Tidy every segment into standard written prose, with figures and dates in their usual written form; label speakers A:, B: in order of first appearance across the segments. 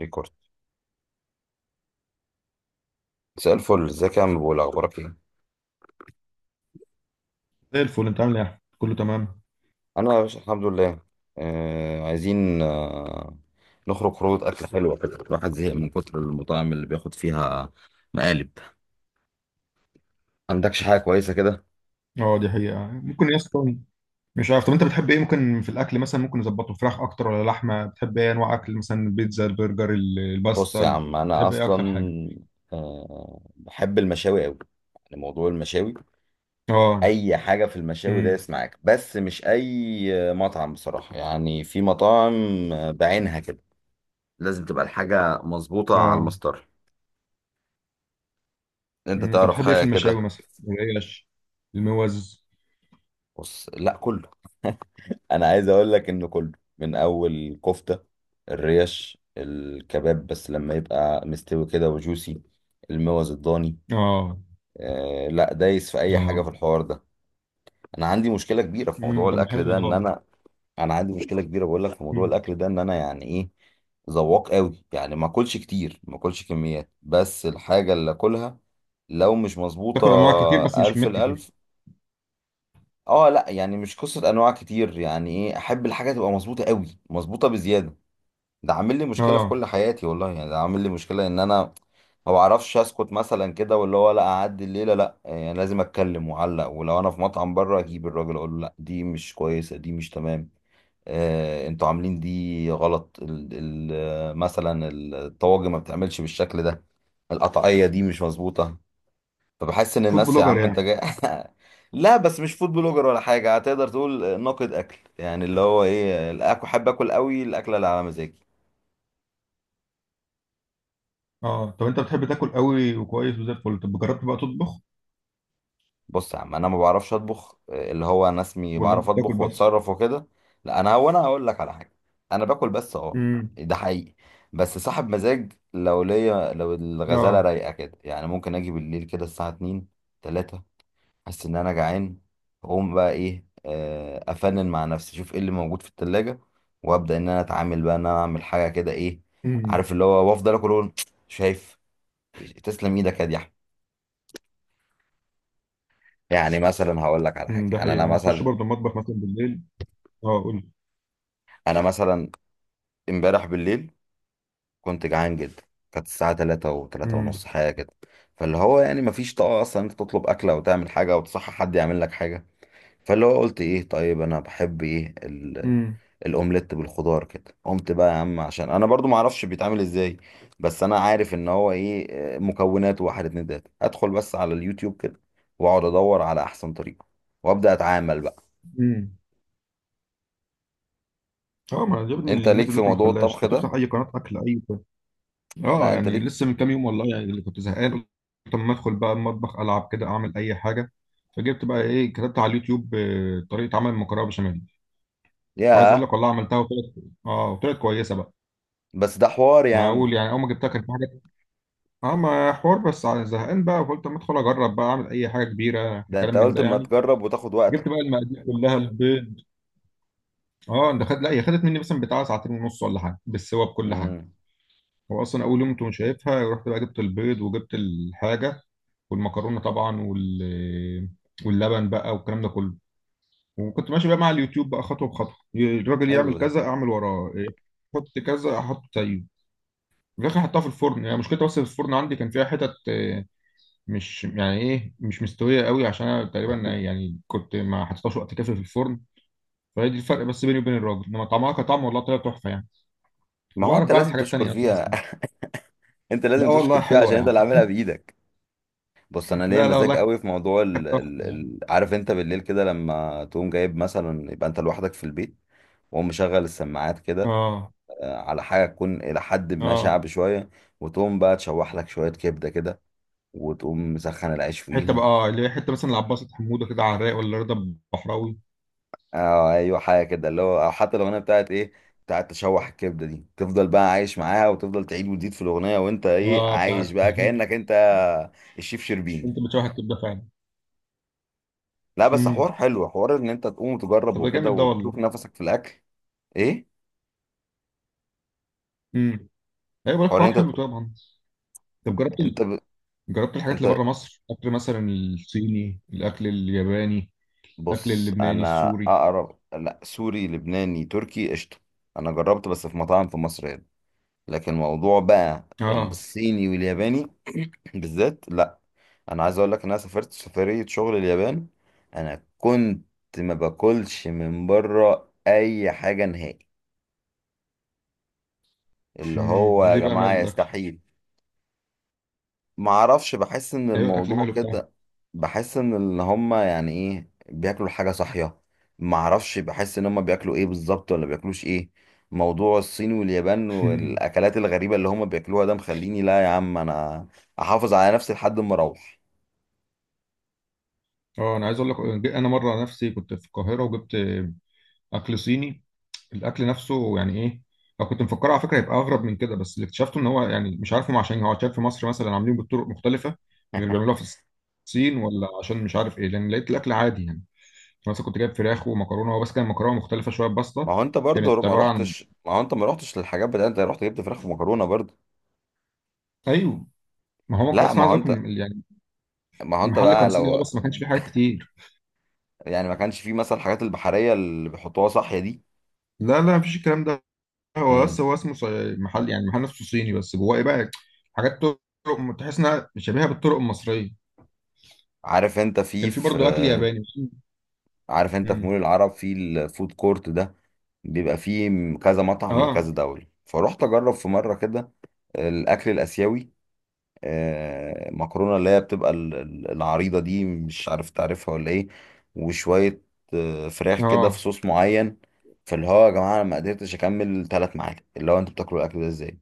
A: ريكورد. مساء الفل، ازيك يا عم؟ بقول اخبارك ايه؟
B: زي الفل، انت عامل ايه يا احمد؟ كله تمام.
A: انا يا باشا الحمد لله. عايزين، نخرج خروج اكل حلوه كده. الواحد زهق من كتر المطاعم اللي بياخد فيها مقالب. عندكش حاجه كويسه كده؟
B: اه، دي حقيقة ممكن يا اسطى. مش عارف. طب انت بتحب ايه ممكن في الاكل؟ مثلا ممكن نظبطه فراخ اكتر ولا لحمة؟ بتحب ايه انواع اكل؟ مثلا البيتزا، البرجر،
A: بص يا
B: الباستا،
A: عم، انا
B: بتحب ايه
A: اصلا
B: اكتر حاجة؟
A: بحب المشاوي قوي. يعني موضوع المشاوي،
B: اه.
A: اي حاجه في المشاوي
B: امم.
A: دايس معاك، بس مش اي مطعم بصراحه. يعني في مطاعم بعينها كده، لازم تبقى الحاجه مظبوطه على
B: اه.
A: المسطره. انت
B: امم. طب
A: تعرف
B: بتحب ايه في
A: حاجه
B: المشاوي؟
A: كده.
B: مثلا العيش، الموز.
A: بص، لا كله. انا عايز اقول لك انه كله، من اول كفته الريش الكباب، بس لما يبقى مستوي كده وجوسي. الموز الضاني،
B: اه.
A: لا دايس في اي حاجه في
B: اه.
A: الحوار ده. انا عندي مشكله كبيره في
B: امم.
A: موضوع
B: طب
A: الاكل
B: حلو
A: ده
B: ده.
A: ان انا... انا عندي مشكله كبيره بقول لك في موضوع
B: امم
A: الاكل ده ان انا يعني ايه، ذواق قوي. يعني ما اكلش كتير، ما اكلش كميات، بس الحاجه اللي اكلها لو مش مظبوطه...
B: تاكل انواع كتير بس مش
A: الف
B: كميات كتير.
A: الالف. اه، لا يعني مش قصة انواع كتير، يعني ايه، احب الحاجة تبقى مظبوطة قوي، مظبوطة بزيادة. ده عامل لي مشكلة في
B: اه،
A: كل حياتي والله. يعني ده عامل لي مشكلة ان انا ما بعرفش اسكت مثلا كده، واللي هو لا اعدي الليلة، لا يعني لازم اتكلم واعلق. ولو انا في مطعم بره، اجيب الراجل اقول له لا دي مش كويسة، دي مش تمام. انتوا عاملين دي غلط، ال ال مثلا الطواجن ما بتعملش بالشكل ده، القطعية دي مش مظبوطة. فبحس ان
B: فود
A: الناس يا
B: بلوجر
A: عم انت
B: يعني.
A: جاي لا بس مش فود بلوجر ولا حاجه. هتقدر تقول ناقد اكل، يعني اللي هو ايه، الاكل حابب اكل قوي، الاكله اللي على مزاجي.
B: اه، طب انت بتحب تاكل قوي وكويس وزي الفل؟ طب جربت بقى تطبخ
A: بص يا عم، انا ما بعرفش اطبخ. اللي هو انا اسمي
B: ولا انت
A: بعرف
B: بتاكل
A: اطبخ
B: بس؟
A: واتصرف وكده. لا، انا هقول لك على حاجه. انا باكل بس، اه.
B: امم.
A: ده حقيقي. بس صاحب مزاج. لو ليا، لو الغزاله
B: اه.
A: رايقه كده، يعني ممكن اجي بالليل كده الساعه 2، 3. حاسس ان انا جعان. اقوم بقى ايه آه، افنن مع نفسي، اشوف ايه اللي موجود في التلاجة، وابدا ان انا اتعامل بقى، ان انا اعمل حاجه كده، ايه،
B: امم.
A: عارف اللي هو، وافضل اكل وأقول شايف، تسلم ايدك يا دي أحمد. يعني مثلا هقول لك على
B: ده
A: حاجه. انا
B: حقيقة هخش
A: مثلا،
B: برضه المطبخ مثلا بالليل. اه، قول لي.
A: انا مثلا امبارح بالليل كنت جعان جدا. كانت الساعه 3 و3 ونص
B: امم.
A: حاجه كده. فاللي هو يعني مفيش طاقه اصلا انت تطلب اكله وتعمل حاجه، وتصحى حد يعمل لك حاجه. فاللي هو قلت ايه، طيب انا بحب ايه؟
B: امم.
A: الاومليت بالخضار كده. قمت بقى يا عم، عشان انا برضو ما اعرفش بيتعمل ازاي، بس انا عارف ان هو ايه، مكونات واحد اتنين تلاته. ادخل بس على اليوتيوب كده، واقعد ادور على احسن طريقه، وابدا اتعامل بقى.
B: امم اه، ما عجبني
A: انت
B: النت
A: ليك في
B: دلوقتي، ما
A: موضوع
B: خلاش
A: الطبخ
B: انت
A: ده؟
B: بتفتح اي قناة اكل،
A: لا
B: اه،
A: انت
B: يعني
A: ليك.
B: لسه من كام يوم والله، يعني اللي كنت زهقان قلت، طب ما ادخل بقى المطبخ، العب كده اعمل اي حاجة. فجبت بقى ايه، كتبت على اليوتيوب طريقة عمل المكرونة بشاميل. وعايز اقول
A: ياه.
B: لك والله عملتها وطلعت. اه، وطلعت كويسة بقى.
A: بس ده حوار يا
B: يعني اول
A: عم.
B: يعني اول ما جبتها كان في حاجة. اه، ما حوار بس زهقان بقى، فقلت اما ادخل اجرب بقى اعمل اي حاجة كبيرة،
A: ده
B: كلام
A: انت
B: من
A: قلت
B: ده
A: اما
B: يعني.
A: تجرب وتاخد وقتك.
B: جبت بقى المقادير كلها، البيض. اه، ده خد، لا هي خدت مني مثلا بتاع ساعتين ونص ولا حاجه، بالسوا بكل حاجه.
A: امم
B: هو اصلا اول يوم كنت مش شايفها، رحت بقى جبت البيض وجبت الحاجه والمكرونه طبعا واللبن بقى والكلام ده كله. وكنت ماشي بقى مع اليوتيوب بقى خطوه بخطوه، الراجل
A: حلو
B: يعمل
A: ده.
B: كذا اعمل وراه، حط كذا احط زيه. في الاخر حطها في الفرن. يعني مشكلتها بس في الفرن عندي كان فيها حتت، مش يعني ايه، مش مستويه قوي، عشان انا تقريبا يعني كنت ما حطيتهاش وقت كافي في الفرن. فهي دي الفرق بس بيني وبين الراجل، انما طعمها كطعم والله طلع تحفه يعني.
A: ما هو
B: وبعرف
A: انت
B: بعمل
A: لازم
B: حاجات
A: تشكر
B: تانية
A: فيها.
B: أساسا.
A: انت
B: لا
A: لازم تشكر
B: والله
A: فيها
B: حلوة
A: عشان
B: يا
A: انت
B: عم.
A: اللي عاملها بايدك. بص، انا ليا
B: لا لا والله
A: مزاج قوي في موضوع
B: كانت تحفة يا عم.
A: عارف انت بالليل كده، لما تقوم جايب مثلا، يبقى انت لوحدك في البيت، وقوم مشغل السماعات كده،
B: اه.
A: على حاجه تكون الى حد ما
B: اه.
A: شعبي شويه، وتقوم بقى تشوح لك شويه كبده كده، وتقوم مسخن العيش
B: حتة بقى،
A: فيهم.
B: اللي هي حتة، مثلا العباسة، حمودة كده على الرايق، ولا رضا بحراوي.
A: اه ايوه، حاجه كده. اللي هو او حتى الاغنيه بتاعت تشوح الكبده دي، تفضل بقى عايش معاها، وتفضل تعيد وتزيد في الاغنيه، وانت ايه
B: اه،
A: عايش
B: بتاعت
A: بقى كانك انت الشيف شربيني.
B: انت بتشوح الكبدة فعلا؟
A: لا بس
B: امم.
A: حوار حلو، حوار ان انت تقوم وتجرب
B: طب ده
A: وكده،
B: جامد ده والله.
A: وتشوف نفسك في الاكل. ايه،
B: امم. ايوه، بقول لك
A: حوار
B: حوار
A: انت
B: حلو طبعا. طب جربت
A: انت ب...
B: جربت الحاجات اللي
A: انت
B: بره مصر، اكل مثلا الصيني، الاكل الياباني، الاكل
A: بص،
B: اللبناني
A: انا
B: السوري؟
A: اقرب لا سوري لبناني تركي قشطه. انا جربت بس في مطاعم في مصر هنا، لكن موضوع بقى
B: اه.
A: الصيني والياباني بالذات لا. انا عايز اقول لك ان انا سافرت سفريه شغل اليابان. انا كنت ما باكلش من بره اي حاجه نهائي. اللي
B: امم.
A: هو يا
B: ليه بقى
A: جماعه
B: ماله الاكل؟
A: يستحيل. ما اعرفش، بحس ان
B: ايوه، الاكل
A: الموضوع
B: ماله بتاعه؟
A: كده. بحس ان اللي هم يعني ايه بياكلوا الحاجه صحيه. ما اعرفش، بحس ان هم بياكلوا ايه بالظبط ولا بياكلوش ايه. موضوع الصين واليابان والاكلات الغريبه اللي هم بياكلوها ده مخليني، لا يا عم، انا احافظ على نفسي لحد ما اروح.
B: اه، انا عايز اقول لك، انا مره نفسي كنت في القاهره وجبت اكل صيني. الاكل نفسه يعني ايه، انا كنت مفكره على فكره هيبقى اغرب من كده، بس اللي اكتشفته ان هو يعني مش عارف هم، عشان هو عشان في مصر مثلا عاملين بالطرق مختلفه، غير اللي بيعملوها في الصين، ولا عشان مش عارف ايه، لان لقيت الاكل عادي يعني. مثلا كنت جايب فراخ ومكرونه، هو بس كان مكرونه مختلفه شويه
A: ما
B: بسطه،
A: هو انت برضه
B: كانت
A: ما
B: عباره عن.
A: رحتش. ما هو انت ما رحتش للحاجات بتاعت، انت رحت جبت فراخ ومكرونه برضه.
B: ايوه. ما هو كان
A: لا،
B: اصلا
A: ما
B: عايز
A: هو
B: اكل
A: انت
B: يعني،
A: ما هو انت
B: المحل
A: بقى
B: كان صيني اه،
A: لو،
B: بس ما كانش فيه حاجات كتير.
A: يعني ما كانش فيه مثلا الحاجات البحريه اللي بيحطوها صحيه دي.
B: لا، لا، مفيش الكلام ده. هو بس
A: مم.
B: هو اسمه محل، يعني محل نفسه صيني، بس جواه ايه بقى؟ حاجات طرق تحس انها شبيهه بالطرق المصريه.
A: عارف انت في
B: كان في برضه اكل ياباني.
A: مول
B: امم.
A: العرب، في الفود كورت ده، بيبقى فيه كذا مطعم لكذا
B: اه.
A: دولة. فروحت اجرب في مرة كده الاكل الاسيوي، مكرونة اللي هي بتبقى العريضة دي، مش عارف تعرفها ولا ايه، وشوية فراخ كده في
B: اه.
A: صوص معين. فاللي هو يا جماعة انا ما قدرتش اكمل ثلاث معاكم. اللي هو انتوا بتاكلوا الاكل ده ازاي؟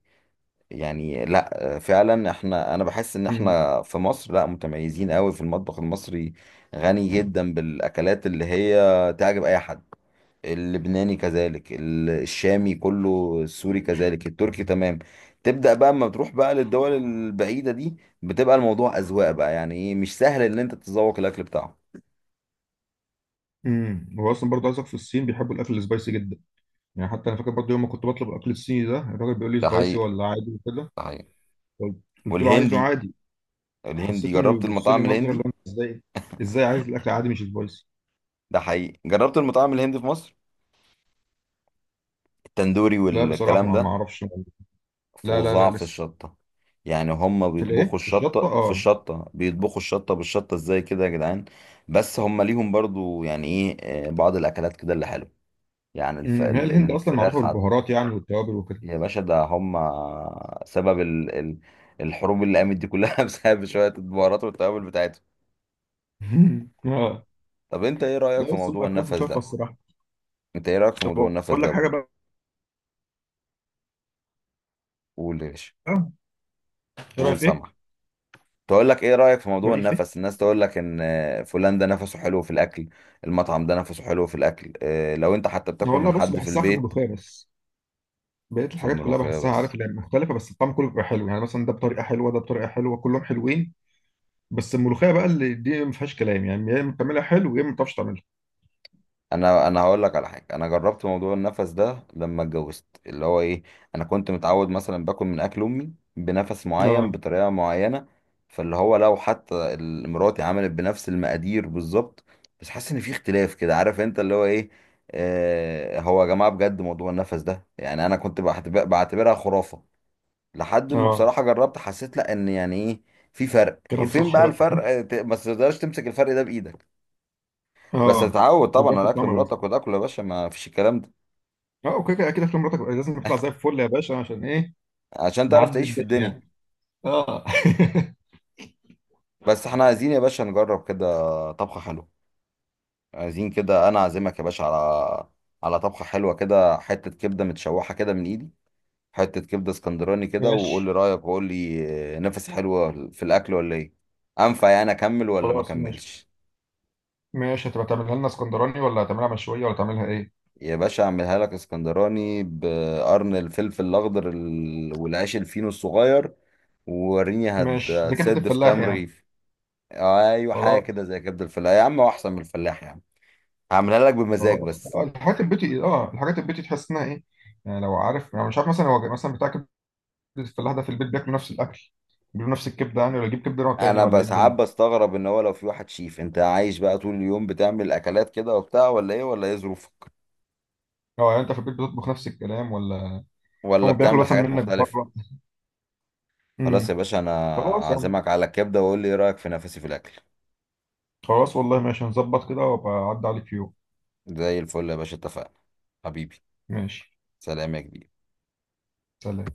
A: يعني لا، فعلا احنا... انا بحس ان
B: امم.
A: احنا في مصر لا متميزين قوي في المطبخ المصري. غني جدا بالاكلات اللي هي تعجب اي حد. اللبناني كذلك، الشامي كله، السوري كذلك، التركي تمام. تبدأ بقى اما تروح بقى للدول البعيدة دي، بتبقى الموضوع أذواق بقى. يعني ايه، مش سهل ان انت تتذوق الاكل بتاعهم.
B: هو اصلا برضه عايزك في الصين بيحبوا الاكل السبايسي جدا، يعني حتى انا فاكر برضه يوم ما كنت بطلب الاكل الصيني ده، الراجل بيقول لي
A: ده
B: سبايسي
A: حقيقي.
B: ولا عادي وكده.
A: ده حقيقي.
B: قلت قلت له عايزه
A: والهندي،
B: عادي.
A: الهندي
B: حسيت انه
A: جربت
B: بيبص لي
A: المطاعم
B: نظره، اللي
A: الهندي.
B: هو أنت ازاي، ازاي عايز الاكل عادي مش سبايسي؟
A: ده حقيقي. جربت المطاعم الهندي في مصر، التندوري
B: لا بصراحه،
A: والكلام
B: ما
A: ده،
B: اعرفش. لا، لا، لا،
A: فظاع في
B: لسه.
A: الشطة. يعني هم بيطبخوا
B: في الشطه،
A: الشطة في
B: اه.
A: الشطة، بيطبخوا الشطة بالشطة، ازاي كده يا جدعان؟ بس هم ليهم برضو يعني ايه، بعض الاكلات كده اللي حلوة، يعني الف...
B: امم. هي
A: ال-
B: الهند اصلا معروفه
A: الفراخ عد...
B: بالبهارات يعني والتوابل وكده.
A: يا باشا، ده هم سبب الحروب اللي قامت دي كلها بسبب شوية البهارات والتوابل بتاعتهم.
B: اه.
A: طب انت ايه رأيك
B: لا،
A: في
B: بس هم
A: موضوع
B: اكلهم
A: النفس
B: تحفه
A: ده؟
B: الصراحه.
A: انت ايه رأيك في
B: طب،
A: موضوع النفس
B: اقول
A: ده
B: لك حاجه
A: بقول؟
B: بقى.
A: قول يا باشا.
B: ايه رايك
A: قول،
B: في ايه؟
A: سامع. تقول لك ايه رأيك في موضوع
B: رايي في.
A: النفس؟ الناس تقول لك ان فلان ده نفسه حلو في الاكل، المطعم ده نفسه حلو في الاكل، لو انت حتى بتاكل من
B: والله بص،
A: حد في
B: بحسها في
A: البيت،
B: الملوخيه بس. بقيت
A: في
B: الحاجات كلها
A: الملوخية
B: بحسها، عارف
A: بس.
B: اللي مختلفه، بس الطعم كله بيبقى حلو يعني، مثلا ده بطريقه حلوه، ده بطريقه حلوه، كلهم حلوين. بس الملوخيه بقى اللي دي ما فيهاش كلام يعني، يا اما بتعملها حلو، يا اما ما بتعرفش تعملها.
A: انا هقول لك على حاجه. انا جربت موضوع النفس ده لما اتجوزت، اللي هو ايه، انا كنت متعود مثلا باكل من اكل امي بنفس معين
B: اه.
A: بطريقه معينه. فاللي هو لو حتى مراتي عملت بنفس المقادير بالظبط، بس حاسس ان في اختلاف كده، عارف انت اللي هو ايه. هو يا جماعه بجد موضوع النفس ده، يعني انا كنت بعتبرها خرافه، لحد ما
B: اه،
A: بصراحه جربت. حسيت لا، ان يعني ايه، في فرق.
B: كلام
A: فين
B: صح
A: بقى الفرق؟
B: بقى.
A: بس ما تقدرش تمسك الفرق ده بايدك. بس
B: اه،
A: تتعود
B: بتبان
A: طبعا
B: في
A: على اكل
B: الطعم بس.
A: مراتك وتاكل يا باشا، ما فيش الكلام ده.
B: اه، اوكي كده. اكيد اكل مراتك لازم تطلع زي الفل يا باشا. عشان ايه،
A: عشان تعرف
B: نعدي
A: تعيش في
B: الدنيا
A: الدنيا.
B: يعني. اه.
A: بس احنا عايزين يا باشا نجرب كده طبخة حلوة. عايزين كده انا اعزمك يا باشا على طبخة حلوة كده، حتة كبدة متشوحة كده من ايدي. حتة كبدة اسكندراني كده، وقول لي
B: ماشي.
A: رأيك، وقول لي نفس حلوة في الاكل ولا ايه. انفع يعني اكمل ولا ما
B: خلاص، ماشي.
A: اكملش.
B: ماشي، هتبقى تعملها لنا اسكندراني ولا هتعملها مشويه ولا تعملها ايه؟
A: يا باشا اعملها لك اسكندراني بقرن الفلفل الاخضر والعيش الفينو الصغير. ووريني
B: ماشي، زي كبده
A: هتسد في
B: الفلاح
A: كام
B: يعني.
A: رغيف. ايوه حاجه كده
B: خلاص.
A: زي كبد الفلاح يا عم، هو احسن من الفلاح يا عم. هعملها لك بمزاج
B: خلاص،
A: بس.
B: الحاجات البيتي تحس انها ايه؟ يعني لو عارف، يعني مش عارف مثلا هو مثلا بتاع كبده الفلاح ده، في البيت بياكلوا نفس الاكل؟ بياكلوا نفس الكبده يعني، ولا يجيب كبده نوع تاني،
A: انا
B: ولا
A: بس
B: ايه
A: ساعات
B: الدنيا؟
A: بستغرب ان هو لو في واحد شيف، انت عايش بقى طول اليوم بتعمل اكلات كده وبتاع، ولا ايه ولا ايه ظروفك،
B: اه، يعني انت في البيت بتطبخ نفس الكلام، ولا
A: ولا
B: هم بياكلوا
A: بتعمل
B: مثلا
A: حاجات
B: منك
A: مختلفه.
B: بره؟
A: خلاص يا
B: امم.
A: باشا، انا
B: خلاص يعني.
A: عازمك على الكبده، وقول لي ايه رايك في نفسي في الاكل.
B: خلاص والله، ماشي، هنظبط كده وابقى اعدي عليك في يوم.
A: زي الفل يا باشا، اتفقنا، حبيبي.
B: ماشي.
A: سلام يا كبير.
B: سلام.